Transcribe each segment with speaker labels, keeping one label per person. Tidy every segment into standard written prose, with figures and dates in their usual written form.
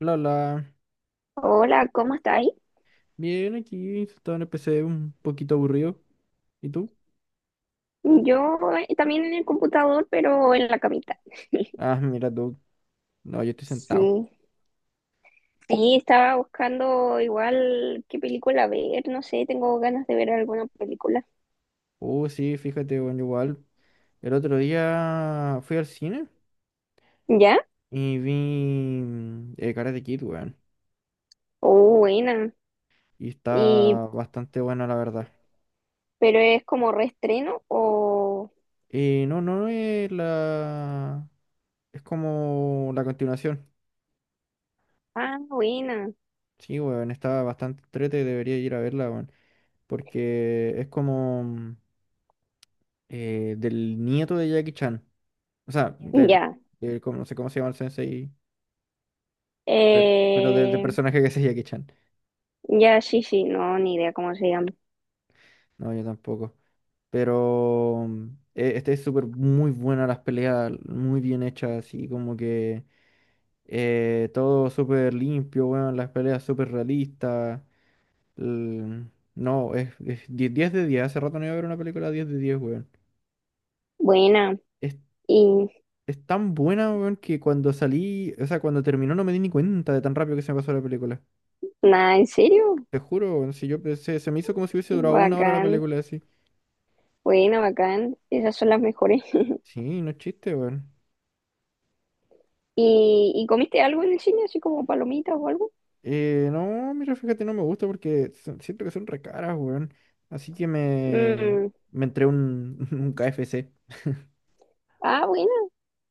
Speaker 1: La, la,
Speaker 2: Hola, ¿cómo estáis?
Speaker 1: bien aquí, estaba en el PC un poquito aburrido. ¿Y tú?
Speaker 2: Yo también en el computador, pero en la camita.
Speaker 1: Ah, mira tú, no, yo estoy sentado.
Speaker 2: Sí, sí, estaba buscando igual qué película ver, no sé, tengo ganas de ver alguna película.
Speaker 1: Oh, sí, fíjate, bueno, igual. El otro día fui al cine
Speaker 2: ¿Ya?
Speaker 1: y vi Karate Kid, weón.
Speaker 2: Oh, buena.
Speaker 1: Y
Speaker 2: Y,
Speaker 1: está bastante buena, la verdad.
Speaker 2: pero es como reestreno o.
Speaker 1: No, no es la... Es como la continuación.
Speaker 2: Ah, buena.
Speaker 1: Sí, weón, está bastante trete, debería ir a verla, weón. Porque es como del nieto de Jackie Chan. O sea,
Speaker 2: Ya.
Speaker 1: no sé cómo se llama el sensei, pero, del
Speaker 2: Eh,
Speaker 1: personaje que es Jackie Chan.
Speaker 2: ya, sí, sí, no, ni idea cómo se llama.
Speaker 1: No, yo tampoco. Pero este es súper muy buena las peleas, muy bien hechas, y como que todo súper limpio, bueno, las peleas súper realistas. l- No, 10 de 10. Hace rato no iba a ver una película 10 de diez, weón.
Speaker 2: Buena.
Speaker 1: Es,
Speaker 2: Y
Speaker 1: es tan buena, weón, que cuando salí, o sea, cuando terminó no me di ni cuenta de tan rápido que se me pasó la película.
Speaker 2: nada, ¿en serio?
Speaker 1: Te juro, si yo pensé, se me hizo como si hubiese durado una hora la
Speaker 2: Bacán.
Speaker 1: película así.
Speaker 2: Buena, bacán. Esas son las mejores.
Speaker 1: Sí, no es chiste, weón.
Speaker 2: ¿Y comiste algo en el cine, así como palomitas o algo?
Speaker 1: No, mira, fíjate, no me gusta porque siento que son re caras, weón. Así que me,
Speaker 2: Mm.
Speaker 1: me entré un, un KFC.
Speaker 2: Ah, bueno.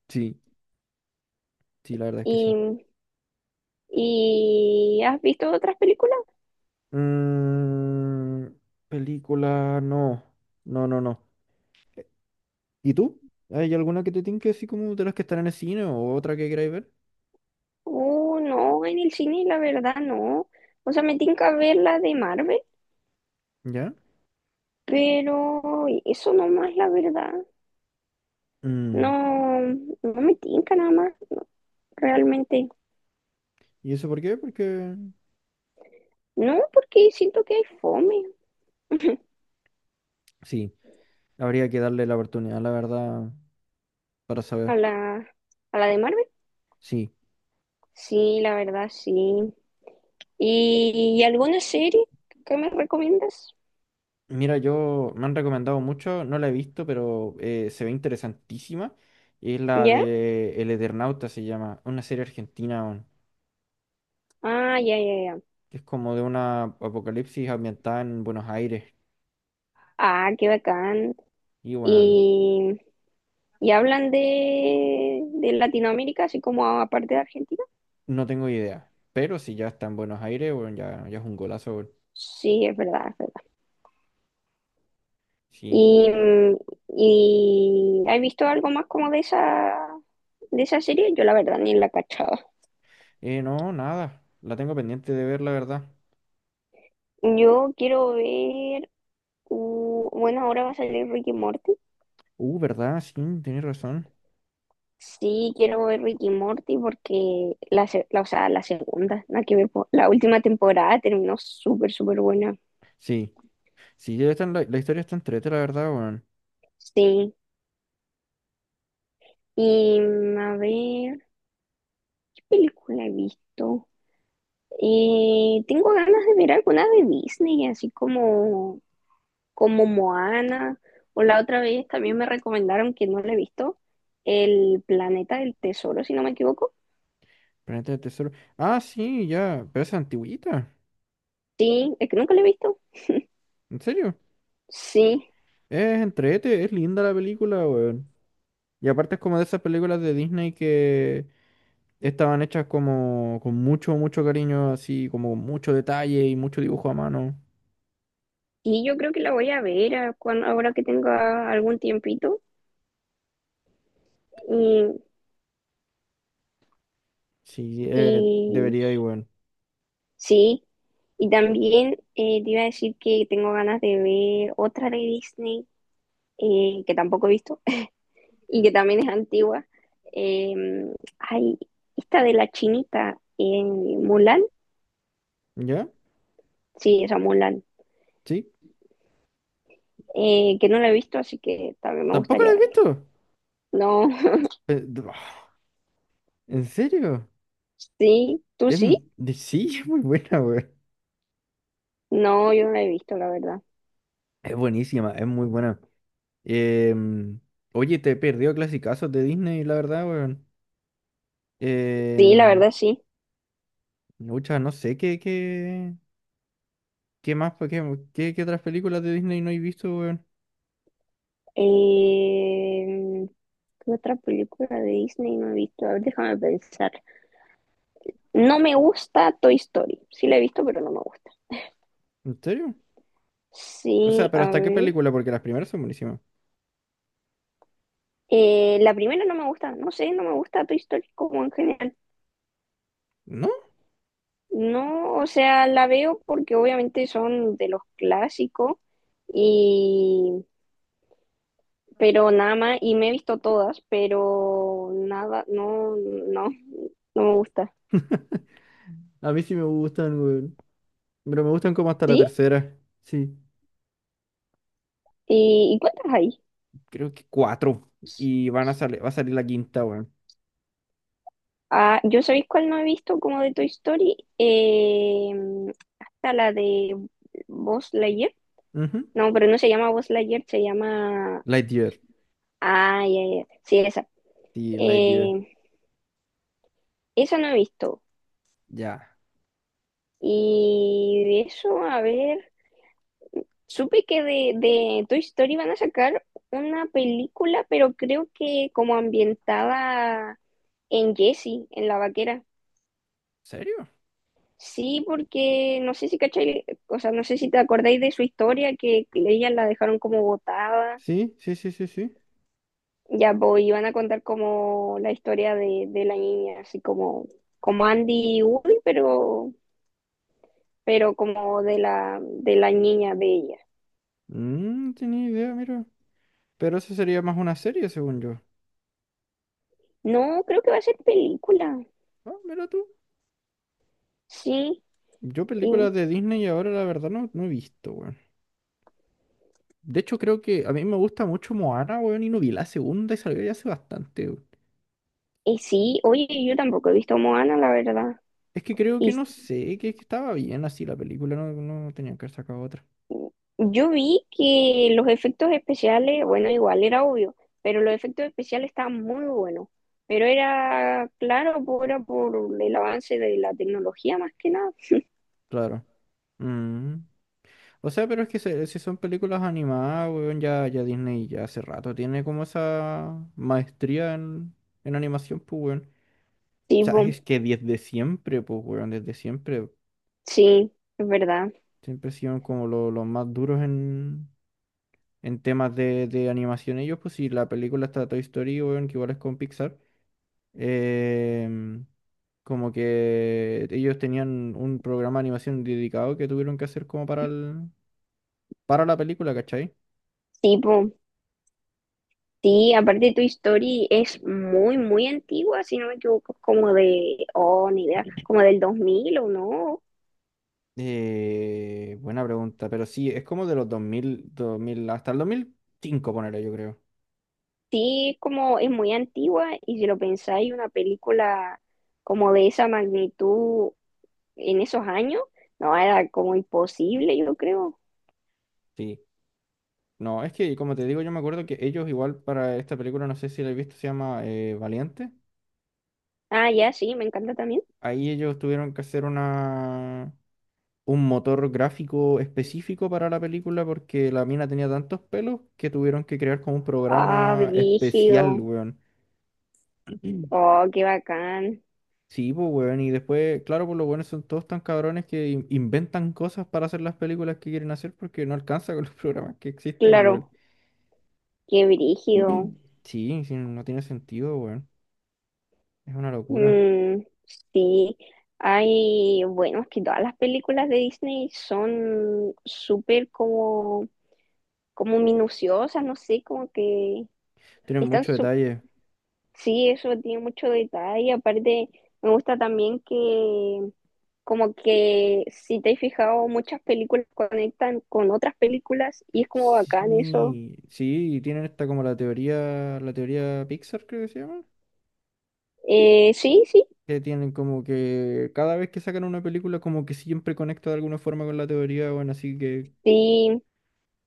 Speaker 1: Sí, sí, la verdad es que sí.
Speaker 2: ¿Y, y has visto otras películas?
Speaker 1: Mm, película, no. No, no, no. ¿Y tú? ¿Hay alguna que te tinque así como de las que están en el cine o otra que queráis ver?
Speaker 2: Oh, no, en el cine la verdad no. O sea, me tinca ver la de Marvel,
Speaker 1: ¿Ya?
Speaker 2: pero eso nomás la verdad.
Speaker 1: Mm,
Speaker 2: No, no me tinca nada más, no, realmente.
Speaker 1: ¿Y eso por qué? Porque
Speaker 2: No, porque siento que hay fome
Speaker 1: sí, habría que darle la oportunidad, la verdad, para
Speaker 2: a
Speaker 1: saber.
Speaker 2: la, a la de Marvel.
Speaker 1: Sí.
Speaker 2: Sí, la verdad, sí. ¿Y alguna serie que me recomiendas?
Speaker 1: Mira, yo me han recomendado mucho, no la he visto, pero se ve interesantísima. Es la
Speaker 2: ¿Ya?
Speaker 1: de El Eternauta, se llama, una serie argentina, weón,
Speaker 2: Ah, ya, ya, ya.
Speaker 1: que es como de una apocalipsis ambientada en Buenos Aires.
Speaker 2: Ah, qué bacán.
Speaker 1: Y bueno,
Speaker 2: Y, y hablan de, Latinoamérica, así como aparte de Argentina.
Speaker 1: no tengo idea. Pero si ya está en Buenos Aires, bueno, ya, ya es un golazo, weón.
Speaker 2: Sí, es verdad, es verdad.
Speaker 1: Sí.
Speaker 2: Y, mm, y ¿has visto algo más como de esa serie? Yo la verdad ni la cachaba.
Speaker 1: No, nada. La tengo pendiente de ver, la verdad.
Speaker 2: Yo quiero ver, bueno, ahora va a salir Ricky Morty.
Speaker 1: ¿Verdad? Sí, tienes razón.
Speaker 2: Sí, quiero ver Ricky Morty porque o sea, la segunda, la que ve po- la última temporada terminó súper, súper buena.
Speaker 1: Sí. Sí, la historia está entrete, la verdad, weón.
Speaker 2: Sí. Y a ver, ¿qué película he visto? Tengo ganas de ver alguna de Disney, así como Moana. O la otra vez también me recomendaron que no la he visto. El Planeta del Tesoro, si no me equivoco.
Speaker 1: Planeta del Tesoro. Ah, sí, ya. Pero esa es antigüita.
Speaker 2: Sí, es que nunca la he visto.
Speaker 1: ¿En serio?
Speaker 2: Sí,
Speaker 1: Es entrete, es linda la película, weón. Y aparte es como de esas películas de Disney que estaban hechas como con mucho, mucho cariño, así, como con mucho detalle y mucho dibujo a mano.
Speaker 2: y yo creo que la voy a ver ahora que tenga algún tiempito. Y,
Speaker 1: Sí,
Speaker 2: y
Speaker 1: debería ir, weón.
Speaker 2: sí, y también te iba a decir que tengo ganas de ver otra de Disney, que tampoco he visto, y que también es antigua. Eh, ay, esta de la chinita en Mulan,
Speaker 1: ¿Ya?
Speaker 2: sí, esa Mulan,
Speaker 1: ¿Sí?
Speaker 2: que no la he visto, así que también me
Speaker 1: ¿Tampoco la
Speaker 2: gustaría
Speaker 1: has
Speaker 2: verla.
Speaker 1: visto?
Speaker 2: No,
Speaker 1: Eh, d- ¿En serio?
Speaker 2: sí, ¿tú sí?
Speaker 1: Sí, es muy buena, weón.
Speaker 2: No, yo no la he visto, la verdad.
Speaker 1: Es buenísima, es muy buena. Em, oye, te perdió clasicazos de Disney, la verdad, weón.
Speaker 2: Sí, la
Speaker 1: Eh,
Speaker 2: verdad sí.
Speaker 1: muchas, no sé qué, qué más, pues, qué, qué otras películas de Disney no he visto, weón.
Speaker 2: Eh, ¿Qué otra película de Disney no he visto? A ver, déjame pensar. No me gusta Toy Story. Sí la he visto, pero no me gusta.
Speaker 1: ¿En serio? O
Speaker 2: Sí,
Speaker 1: sea, pero
Speaker 2: a
Speaker 1: ¿hasta qué
Speaker 2: ver.
Speaker 1: película? Porque las primeras son buenísimas.
Speaker 2: La primera no me gusta, no sé, no me gusta Toy Story como en general.
Speaker 1: ¿No?
Speaker 2: No, o sea, la veo porque obviamente son de los clásicos y pero nada más y me he visto todas, pero nada, no, no, no me gusta.
Speaker 1: A mí sí me gustan, weón. Pero me gustan como hasta la
Speaker 2: ¿Sí?
Speaker 1: tercera. Sí,
Speaker 2: ¿Y cuántas hay?
Speaker 1: creo que cuatro. Y van a salir, va a salir la quinta, weón.
Speaker 2: Ah, yo sabéis cuál no he visto como de Toy Story. Hasta la de Buzz Lightyear.
Speaker 1: Ujú.
Speaker 2: No, pero no se llama Buzz Lightyear, se llama.
Speaker 1: Lightyear.
Speaker 2: Ah, ya, ya, ya. Sí, esa.
Speaker 1: Sí,
Speaker 2: Eh,
Speaker 1: Lightyear.
Speaker 2: Eso no he visto.
Speaker 1: Ya.
Speaker 2: Y de eso, a ver, supe que de, Toy Story van a sacar una película, pero creo que como ambientada en Jessie, en la vaquera.
Speaker 1: ¿En serio?
Speaker 2: Sí, porque no sé si cachai, o sea, no sé si te acordáis de su historia, que ella la dejaron como botada.
Speaker 1: Sí, sí, sí, sí, sí.
Speaker 2: Ya, iban a contar como la historia de, la niña, así como Andy y Woody, pero como de la niña de ella.
Speaker 1: Mm, no tenía idea, mira. Pero eso sería más una serie, según yo.
Speaker 2: No, creo que va a ser película.
Speaker 1: Ah, mira tú.
Speaker 2: Sí,
Speaker 1: Yo
Speaker 2: y,
Speaker 1: películas de Disney ahora la verdad no he visto, weón. De hecho creo que a mí me gusta mucho Moana, weón, y no vi la segunda y salió ya hace bastante, weón.
Speaker 2: y sí, oye, yo tampoco he visto Moana, la verdad.
Speaker 1: Es que creo que
Speaker 2: Y
Speaker 1: no sé, que estaba bien así la película, no, no tenían que haber sacado otra.
Speaker 2: yo vi que los efectos especiales, bueno, igual era obvio, pero los efectos especiales estaban muy buenos. Pero era, claro, era por el avance de la tecnología más que nada.
Speaker 1: Claro. Mm. O sea, pero es que si son películas animadas, weón, ya Disney ya hace rato tiene como esa maestría en animación, pues, weón. O sea,
Speaker 2: Tipo,
Speaker 1: es que desde siempre, pues, weón, desde siempre,
Speaker 2: sí, es verdad.
Speaker 1: siempre han sido como los más duros en temas de animación ellos, pues si la película está Toy Story, weón, que igual es con Pixar, em, como que ellos tenían un programa de animación dedicado que tuvieron que hacer como para el, para la película, ¿cachai?
Speaker 2: Tipo, sí, aparte Tu Story es muy, muy antigua, si no me equivoco, como de, oh, ni idea, como del 2000 o no.
Speaker 1: Buena pregunta, pero sí, es como de los 2000, 2000 hasta el 2005 ponerlo yo creo.
Speaker 2: Sí, como es muy antigua y si lo pensáis, una película como de esa magnitud en esos años, no, era como imposible, yo creo.
Speaker 1: Sí. No, es que como te digo, yo me acuerdo que ellos igual para esta película, no sé si la he visto, se llama Valiente.
Speaker 2: Ah, ya, sí, me encanta también.
Speaker 1: Ahí ellos tuvieron que hacer una un motor gráfico específico para la película porque la mina tenía tantos pelos que tuvieron que crear como un
Speaker 2: Ah,
Speaker 1: programa especial,
Speaker 2: brígido.
Speaker 1: weón.
Speaker 2: Oh, qué bacán.
Speaker 1: Sí, pues, weón, y después, claro, pues los buenos son todos tan cabrones que inventan cosas para hacer las películas que quieren hacer porque no alcanza con los programas que existen, weón.
Speaker 2: Claro, qué brígido.
Speaker 1: Sí, sí, no tiene sentido, weón. Es una locura.
Speaker 2: Mm, sí, hay, bueno, es que todas las películas de Disney son súper como, minuciosas, no sé, como que
Speaker 1: Tienen
Speaker 2: están,
Speaker 1: mucho detalle.
Speaker 2: sí, eso tiene mucho detalle. Aparte, me gusta también que, como que, si te has fijado, muchas películas conectan con otras películas y es como bacán eso.
Speaker 1: Sí, sí, tienen esta como la teoría Pixar, creo que se llama
Speaker 2: Sí, sí,
Speaker 1: que tienen como que cada vez que sacan una película como que siempre conecta de alguna forma con la teoría, bueno, así que
Speaker 2: sí,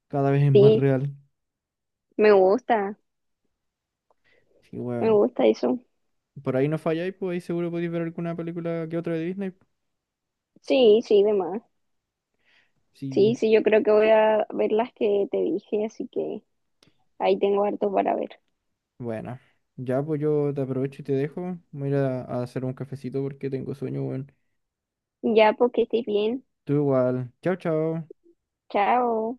Speaker 1: cada vez es más
Speaker 2: sí,
Speaker 1: real.
Speaker 2: me gusta,
Speaker 1: Sí,
Speaker 2: me
Speaker 1: bueno,
Speaker 2: gusta eso.
Speaker 1: por ahí no falláis, pues ahí seguro podéis ver alguna película que otra de Disney.
Speaker 2: Sí, sí, demás. Sí,
Speaker 1: Sí,
Speaker 2: sí, yo creo que voy a ver las que te dije, así que ahí tengo harto para ver.
Speaker 1: bueno, ya pues yo te aprovecho y te dejo, voy a ir a hacer un cafecito porque tengo sueño, bueno.
Speaker 2: Ya, porque estés bien.
Speaker 1: Tú igual, chao, chao.
Speaker 2: Chao.